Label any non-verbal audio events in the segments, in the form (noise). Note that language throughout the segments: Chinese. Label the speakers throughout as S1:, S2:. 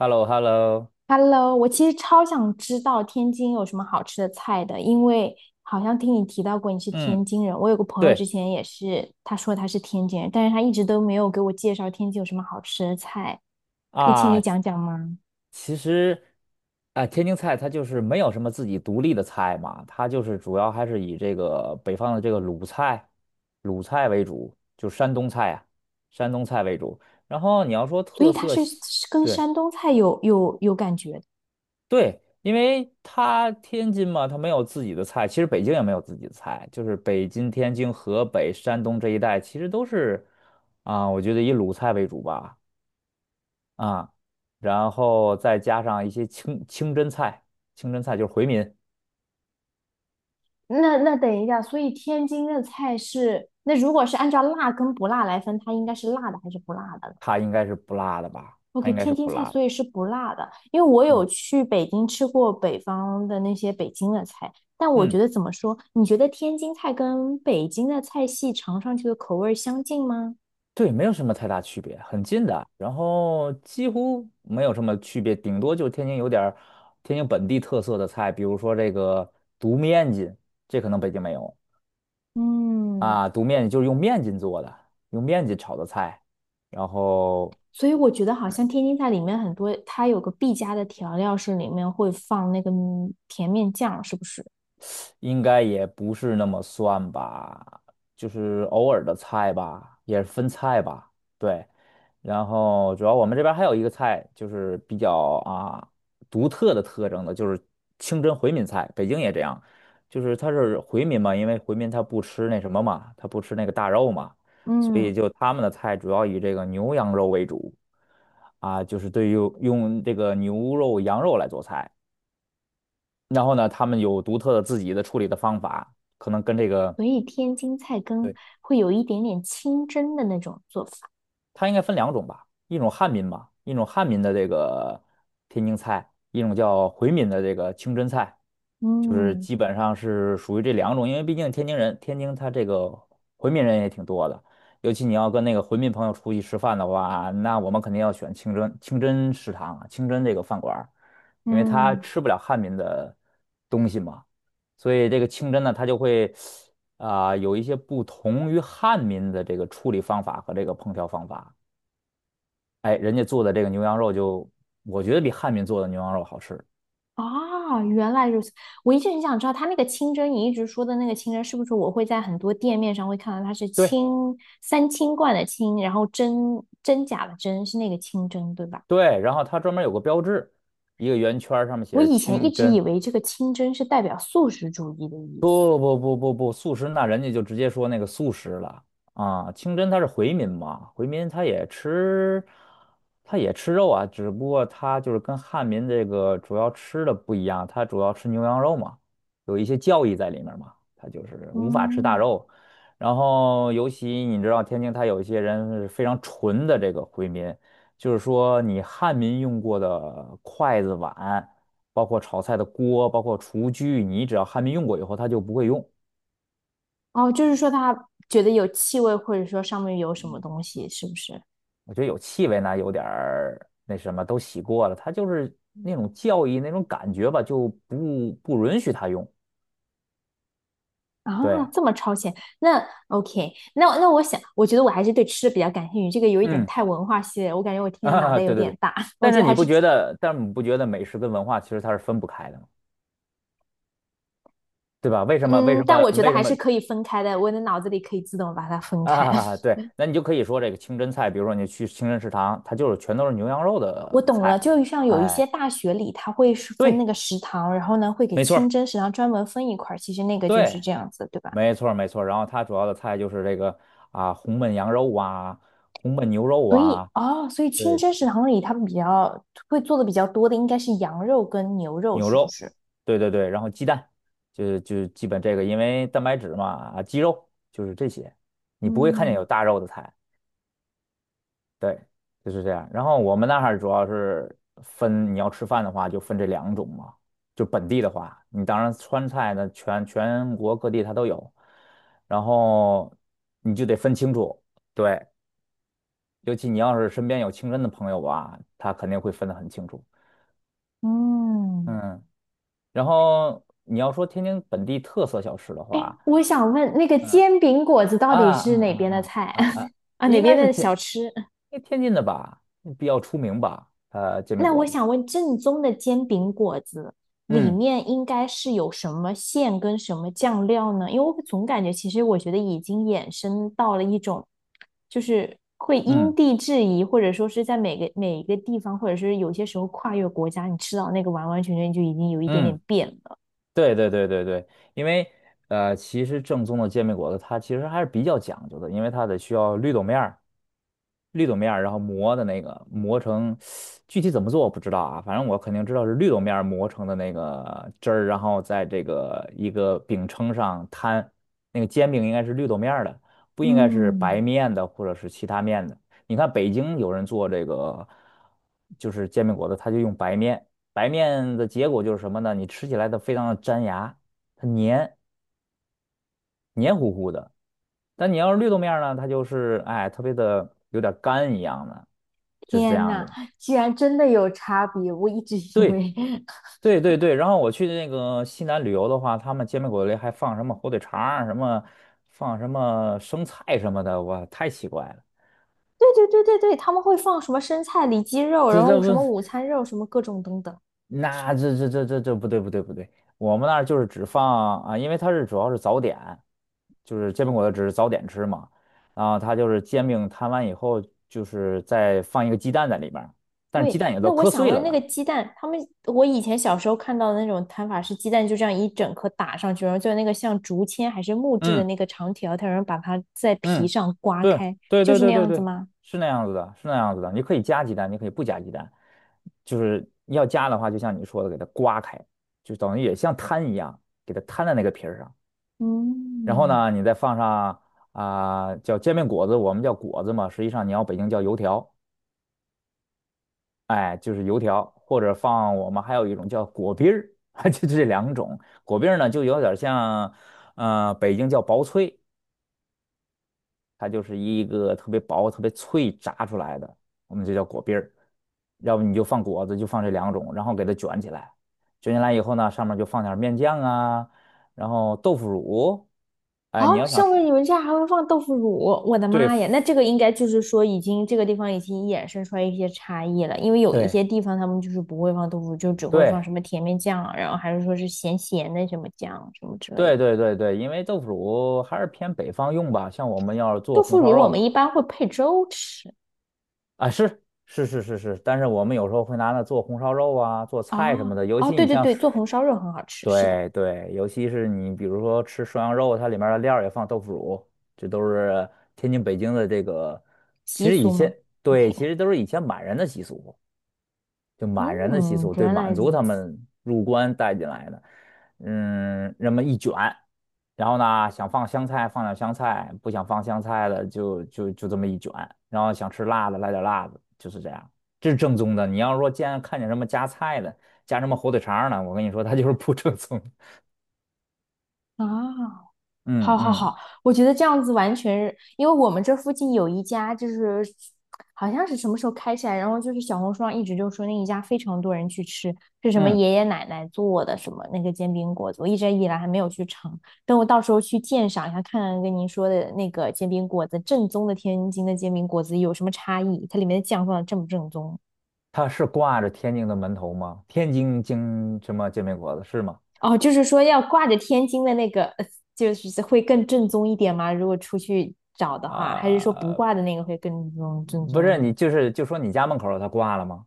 S1: h e l l o h e l l o
S2: Hello，我其实超想知道天津有什么好吃的菜的，因为好像听你提到过你是
S1: 嗯，
S2: 天津人。我有个朋友之
S1: 对
S2: 前也是，他说他是天津人，但是他一直都没有给我介绍天津有什么好吃的菜，可以请你
S1: 啊，
S2: 讲讲吗？
S1: 其实天津菜它就是没有什么自己独立的菜嘛，它就是主要还是以这个北方的这个鲁菜为主，就山东菜啊，山东菜为主。然后你要说
S2: 所以
S1: 特
S2: 他
S1: 色
S2: 是是
S1: 西
S2: 跟
S1: 对
S2: 山东菜有感觉的。
S1: 对，因为它天津嘛，它没有自己的菜，其实北京也没有自己的菜，就是北京、天津、河北、山东这一带，其实都是我觉得以鲁菜为主吧。啊，然后再加上一些清真菜，清真菜就是回民，
S2: 那等一下，所以天津的菜是，那如果是按照辣跟不辣来分，它应该是辣的还是不辣的呢？
S1: 它应该是不辣的吧？它
S2: OK，
S1: 应该是
S2: 天津
S1: 不
S2: 菜
S1: 辣的。
S2: 所以是不辣的，因为我
S1: 嗯
S2: 有去北京吃过北方的那些北京的菜，但我
S1: 嗯，
S2: 觉得怎么说？你觉得天津菜跟北京的菜系尝上去的口味儿相近吗？
S1: 对，没有什么太大区别，很近的，然后几乎没有什么区别，顶多就是天津有点儿天津本地特色的菜，比如说这个独面筋，这可能北京没有。
S2: 嗯，
S1: 独面筋就是用面筋做的，用面筋炒的菜，然后
S2: 所以我觉得好像天津菜里面很多，它有个必加的调料是里面会放那个甜面酱，是不是？
S1: 应该也不是那么算吧，就是偶尔的菜吧，也是分菜吧，对。然后主要我们这边还有一个菜，就是比较独特的特征的，就是清真回民菜，北京也这样，就是它是回民嘛，因为回民他不吃那什么嘛，他不吃那个大肉嘛，所以
S2: 嗯，
S1: 就他们的菜主要以这个牛羊肉为主，就是对于用这个牛肉、羊肉来做菜。然后呢，他们有独特的自己的处理的方法，可能跟这个，
S2: 所以天津菜跟
S1: 对，
S2: 会有一点点清蒸的那种做法。
S1: 它应该分两种吧，一种汉民吧，一种汉民的这个天津菜，一种叫回民的这个清真菜，就是
S2: 嗯
S1: 基本上是属于这两种，因为毕竟天津人，天津他这个回民人也挺多的，尤其你要跟那个回民朋友出去吃饭的话，那我们肯定要选清真食堂啊清真这个饭馆儿，因为他
S2: 嗯。
S1: 吃不了汉民的东西嘛。所以这个清真呢，他就会有一些不同于汉民的这个处理方法和这个烹调方法。哎，人家做的这个牛羊肉就，我觉得比汉民做的牛羊肉好吃。
S2: 啊，原来如此！我一直很想知道，它那个清蒸，你一直说的那个清蒸，是不是我会在很多店面上会看到它是
S1: 对
S2: 清三清罐的清，然后真假的真是那个清蒸，对吧？
S1: 对，然后它专门有个标志，一个圆圈儿上面写
S2: 我
S1: 着
S2: 以前一
S1: 清
S2: 直以
S1: 真，
S2: 为这个清蒸是代表素食主义的意思。
S1: 不不不不不，素食那人家就直接说那个素食了。清真他是回民嘛，回民他也吃，他也吃肉啊，只不过他就是跟汉民这个主要吃的不一样，他主要吃牛羊肉嘛，有一些教义在里面嘛，他就是无法吃大
S2: 嗯，
S1: 肉。然后尤其你知道天津，他有一些人是非常纯的这个回民，就是说你汉民用过的筷子碗。包括炒菜的锅，包括厨具，你只要还没用过以后，它就不会用。
S2: 哦，就是说他觉得有气味，或者说上面有什么东西，是不是？
S1: 我觉得有气味呢，有点儿那什么，都洗过了，它就是那种教义那种感觉吧，就不允许它用。
S2: 啊，
S1: 对，
S2: 这么超前，那 OK，那我想，我觉得我还是对吃的比较感兴趣，这个有一点
S1: 嗯，
S2: 太文化系列，我感觉我
S1: (laughs)
S2: 听的脑袋有
S1: 对对对。
S2: 点大，(laughs) 我
S1: 但
S2: 觉
S1: 是
S2: 得还
S1: 你不
S2: 是，
S1: 觉得，但是你不觉得美食跟文化其实它是分不开的吗？对吧？为什么？为
S2: 嗯，
S1: 什
S2: 但
S1: 么？
S2: 我觉得
S1: 为什
S2: 还
S1: 么？
S2: 是可以分开的，我的脑子里可以自动把它分开。(laughs)
S1: 对，那你就可以说这个清真菜，比如说你去清真食堂，它就是全都是牛羊肉
S2: 我
S1: 的
S2: 懂
S1: 菜。
S2: 了，就像有一
S1: 哎，
S2: 些大学里，它会是分那
S1: 对，
S2: 个食堂，然后呢会给
S1: 没错
S2: 清
S1: 儿，
S2: 真食堂专门分一块儿，其实那个就是
S1: 对。
S2: 这样子，对吧？
S1: 没错儿没错儿然后它主要的菜就是这个红焖羊肉啊，红焖牛肉
S2: 所以
S1: 啊，
S2: 哦，所以清
S1: 对，
S2: 真食堂里他们比较会做的比较多的应该是羊肉跟牛肉，
S1: 牛
S2: 是不
S1: 肉，
S2: 是？
S1: 对对对，然后鸡蛋，就基本这个，因为蛋白质嘛，鸡肉就是这些，你不会看见
S2: 嗯，
S1: 有大肉的菜，对，就是这样。然后我们那儿主要是分，你要吃饭的话就分这两种嘛，就本地的话，你当然川菜呢，全国各地它都有，然后你就得分清楚。对，尤其你要是身边有清真的朋友吧，他肯定会分得很清楚。
S2: 嗯。
S1: 嗯，然后你要说天津本地特色小吃的
S2: 哎，
S1: 话，
S2: 我想问，那个
S1: 嗯
S2: 煎饼果子到
S1: 啊啊
S2: 底是哪边的
S1: 啊
S2: 菜
S1: 啊啊
S2: (laughs)
S1: 啊，
S2: 啊？哪
S1: 应
S2: 边
S1: 该是
S2: 的
S1: 天
S2: 小吃？
S1: 因为天津的吧，比较出名吧，煎饼
S2: 那
S1: 果
S2: 我
S1: 子。
S2: 想问，正宗的煎饼果子里
S1: 嗯
S2: 面应该是有什么馅跟什么酱料呢？因为我总感觉，其实我觉得已经衍生到了一种，就是会因
S1: 嗯
S2: 地制宜，或者说是在每个每一个地方，或者是有些时候跨越国家，你吃到那个完完全全就已经有一点点
S1: 嗯，
S2: 变了。
S1: 对对对对对，因为其实正宗的煎饼果子它其实还是比较讲究的，因为它得需要绿豆面儿。绿豆面儿，然后磨的那个磨成，具体怎么做我不知道啊，反正我肯定知道是绿豆面儿磨成的那个汁儿，然后在这个一个饼铛上摊，那个煎饼应该是绿豆面儿的，不应该是白
S2: 嗯，
S1: 面的或者是其他面的。你看北京有人做这个，就是煎饼果子，他就用白面，白面的结果就是什么呢？你吃起来它非常的粘牙，它黏糊糊的。但你要是绿豆面儿呢，它就是哎，特别的有点干一样的，就是这
S2: 天
S1: 样
S2: 呐，
S1: 的。
S2: 居然真的有差别！我一直以
S1: 对
S2: 为 (laughs)
S1: 对对对，然后我去那个西南旅游的话，他们煎饼果子里还放什么火腿肠儿，什么放什么生菜什么的，哇，太奇怪了。
S2: 对对对对对，他们会放什么生菜、里脊肉，然
S1: 这
S2: 后
S1: 这
S2: 什
S1: 不，
S2: 么午餐肉，什么各种等等。
S1: 那这不对不对不对，我们那儿就是只放因为它是主要是早点，就是煎饼果子只是早点吃嘛，然后它就是煎饼摊完以后，就是再放一个鸡蛋在里边儿，但是
S2: 对，
S1: 鸡蛋也都
S2: 那我
S1: 磕
S2: 想
S1: 碎
S2: 问，
S1: 了
S2: 那个
S1: 的。
S2: 鸡蛋，他们我以前小时候看到的那种摊法是鸡蛋就这样一整颗打上去，然后就那个像竹签还是木质的
S1: 嗯
S2: 那个长条，它然后把它在皮
S1: 嗯，
S2: 上刮
S1: 对
S2: 开，
S1: 对
S2: 就
S1: 对
S2: 是那
S1: 对对
S2: 样子
S1: 对，
S2: 吗？
S1: 是那样子的，是那样子的。你可以加鸡蛋，你可以不加鸡蛋，就是要加的话，就像你说的，给它刮开，就等于也像摊一样，给它摊在那个皮儿上。然后
S2: 嗯，
S1: 呢，你再放上叫煎饼果子，我们叫果子嘛，实际上你要北京叫油条，哎，就是油条，或者放我们还有一种叫果篦儿，(laughs) 就这两种。果篦儿呢，就有点像，北京叫薄脆。它就是一个特别薄、特别脆炸出来的，我们就叫果篦儿。要不你就放果子，就放这两种，然后给它卷起来。卷起来以后呢，上面就放点儿面酱啊，然后豆腐乳。
S2: 啊，
S1: 哎，你要想
S2: 上
S1: 吃，
S2: 面你们家还会放豆腐乳，我的妈呀！那
S1: 对
S2: 这个应该就是说，已经这个地方已经衍生出来一些差异了，因为有一
S1: 对
S2: 些地方他们就是不会放豆腐乳，就只会放什
S1: 对
S2: 么甜面酱，然后还是说是咸咸的什么酱什么之类的。
S1: 对对对对，因为豆腐乳还是偏北方用吧，像我们要是做
S2: 豆腐
S1: 红烧
S2: 乳我们
S1: 肉
S2: 一般会配粥吃。
S1: 啊，是是是是是，但是我们有时候会拿它做红烧肉啊，做菜什
S2: 啊，
S1: 么的，尤
S2: 哦，
S1: 其
S2: 对
S1: 你
S2: 对
S1: 像。
S2: 对，做红烧肉很好吃，是的，
S1: 对对，尤其是你比如说吃涮羊肉，它里面的料儿也放豆腐乳，这都是天津、北京的这个，其
S2: 习
S1: 实以
S2: 俗
S1: 前
S2: 吗
S1: 对，其
S2: ？OK，
S1: 实都是以前满人的习俗，就满人的习
S2: 嗯，
S1: 俗，对
S2: 原来
S1: 满族
S2: 如
S1: 他
S2: 此
S1: 们入关带进来的，嗯，那么一卷，然后呢，想放香菜放点香菜，不想放香菜的就这么一卷，然后想吃辣的来点辣的，就是这样，这是正宗的。你要说见看见什么夹菜的，夹什么火腿肠儿呢，我跟你说，它就是不正宗
S2: 啊。好
S1: 嗯
S2: 好
S1: 嗯
S2: 好，我觉得这样子完全是因为我们这附近有一家，就是好像是什么时候开起来，然后就是小红书上一直就说那一家非常多人去吃，是什么
S1: 嗯，
S2: 爷爷奶奶做的什么那个煎饼果子，我一直以来还没有去尝，等我到时候去鉴赏一下，看看跟您说的那个煎饼果子正宗的天津的煎饼果子有什么差异，它里面的酱放的正不正宗。
S1: 它是挂着天津的门头吗？天津京什么煎饼果子是吗？
S2: 哦，就是说要挂着天津的那个，就是会更正宗一点吗？如果出去找的话，还是说不
S1: 啊、
S2: 挂的那个会更正正
S1: 不
S2: 宗
S1: 是，
S2: 一点？
S1: 你就是就说你家门口儿它挂了吗？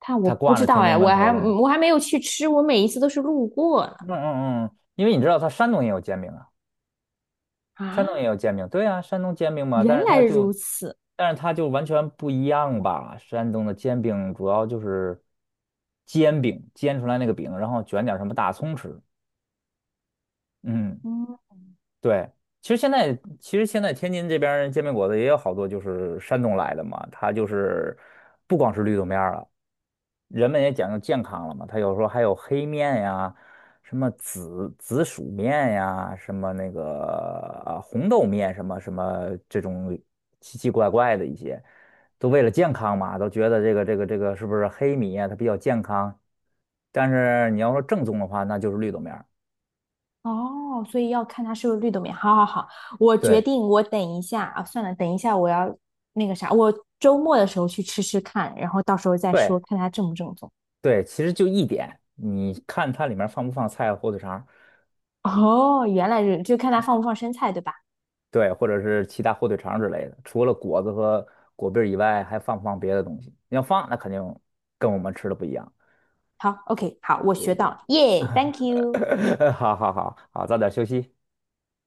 S2: 它我
S1: 它
S2: 不
S1: 挂
S2: 知
S1: 着
S2: 道
S1: 天津
S2: 哎，我
S1: 门
S2: 还
S1: 头了吗？
S2: 我还没有去吃，我每一次都是路过呢。
S1: 嗯嗯嗯，因为你知道它山东也有煎饼啊，
S2: 啊，
S1: 山东也有煎饼，对啊，山东煎饼嘛，
S2: 原
S1: 但是
S2: 来
S1: 它就，
S2: 如此，
S1: 但是它就完全不一样吧？山东的煎饼主要就是煎饼，煎出来那个饼，然后卷点儿什么大葱吃。嗯。
S2: 嗯，
S1: 对，其实现在其实现在天津这边儿煎饼果子也有好多就是山东来的嘛，它就是不光是绿豆面儿了，人们也讲究健康了嘛，它有时候还有黑面呀，什么紫薯面呀，什么那个啊红豆面什么什么这种奇奇怪怪的一些，都为了健康嘛，都觉得这个是不是黑米呀，它比较健康，但是你要说正宗的话，那就是绿豆面儿
S2: 哦，所以要看它不是绿豆面。好好好，我决
S1: 对
S2: 定，我等一下啊，算了，等一下我要那个啥，我周末的时候去吃吃看，然后到时候再说，
S1: 对。
S2: 看它正不正宗。
S1: 对，其实就一点，你看它里面放不放菜、火腿肠儿
S2: 哦，原来是，就看它放不放生菜，对吧？
S1: 对，或者是其他火腿肠儿之类的。除了果子和果篦儿以外，还放不放别的东西？你要放，那肯定跟我们吃的不一样。
S2: 好，OK，好，我
S1: 对
S2: 学
S1: 对，
S2: 到，耶、thank you。
S1: (laughs) 好好好好，早点休息。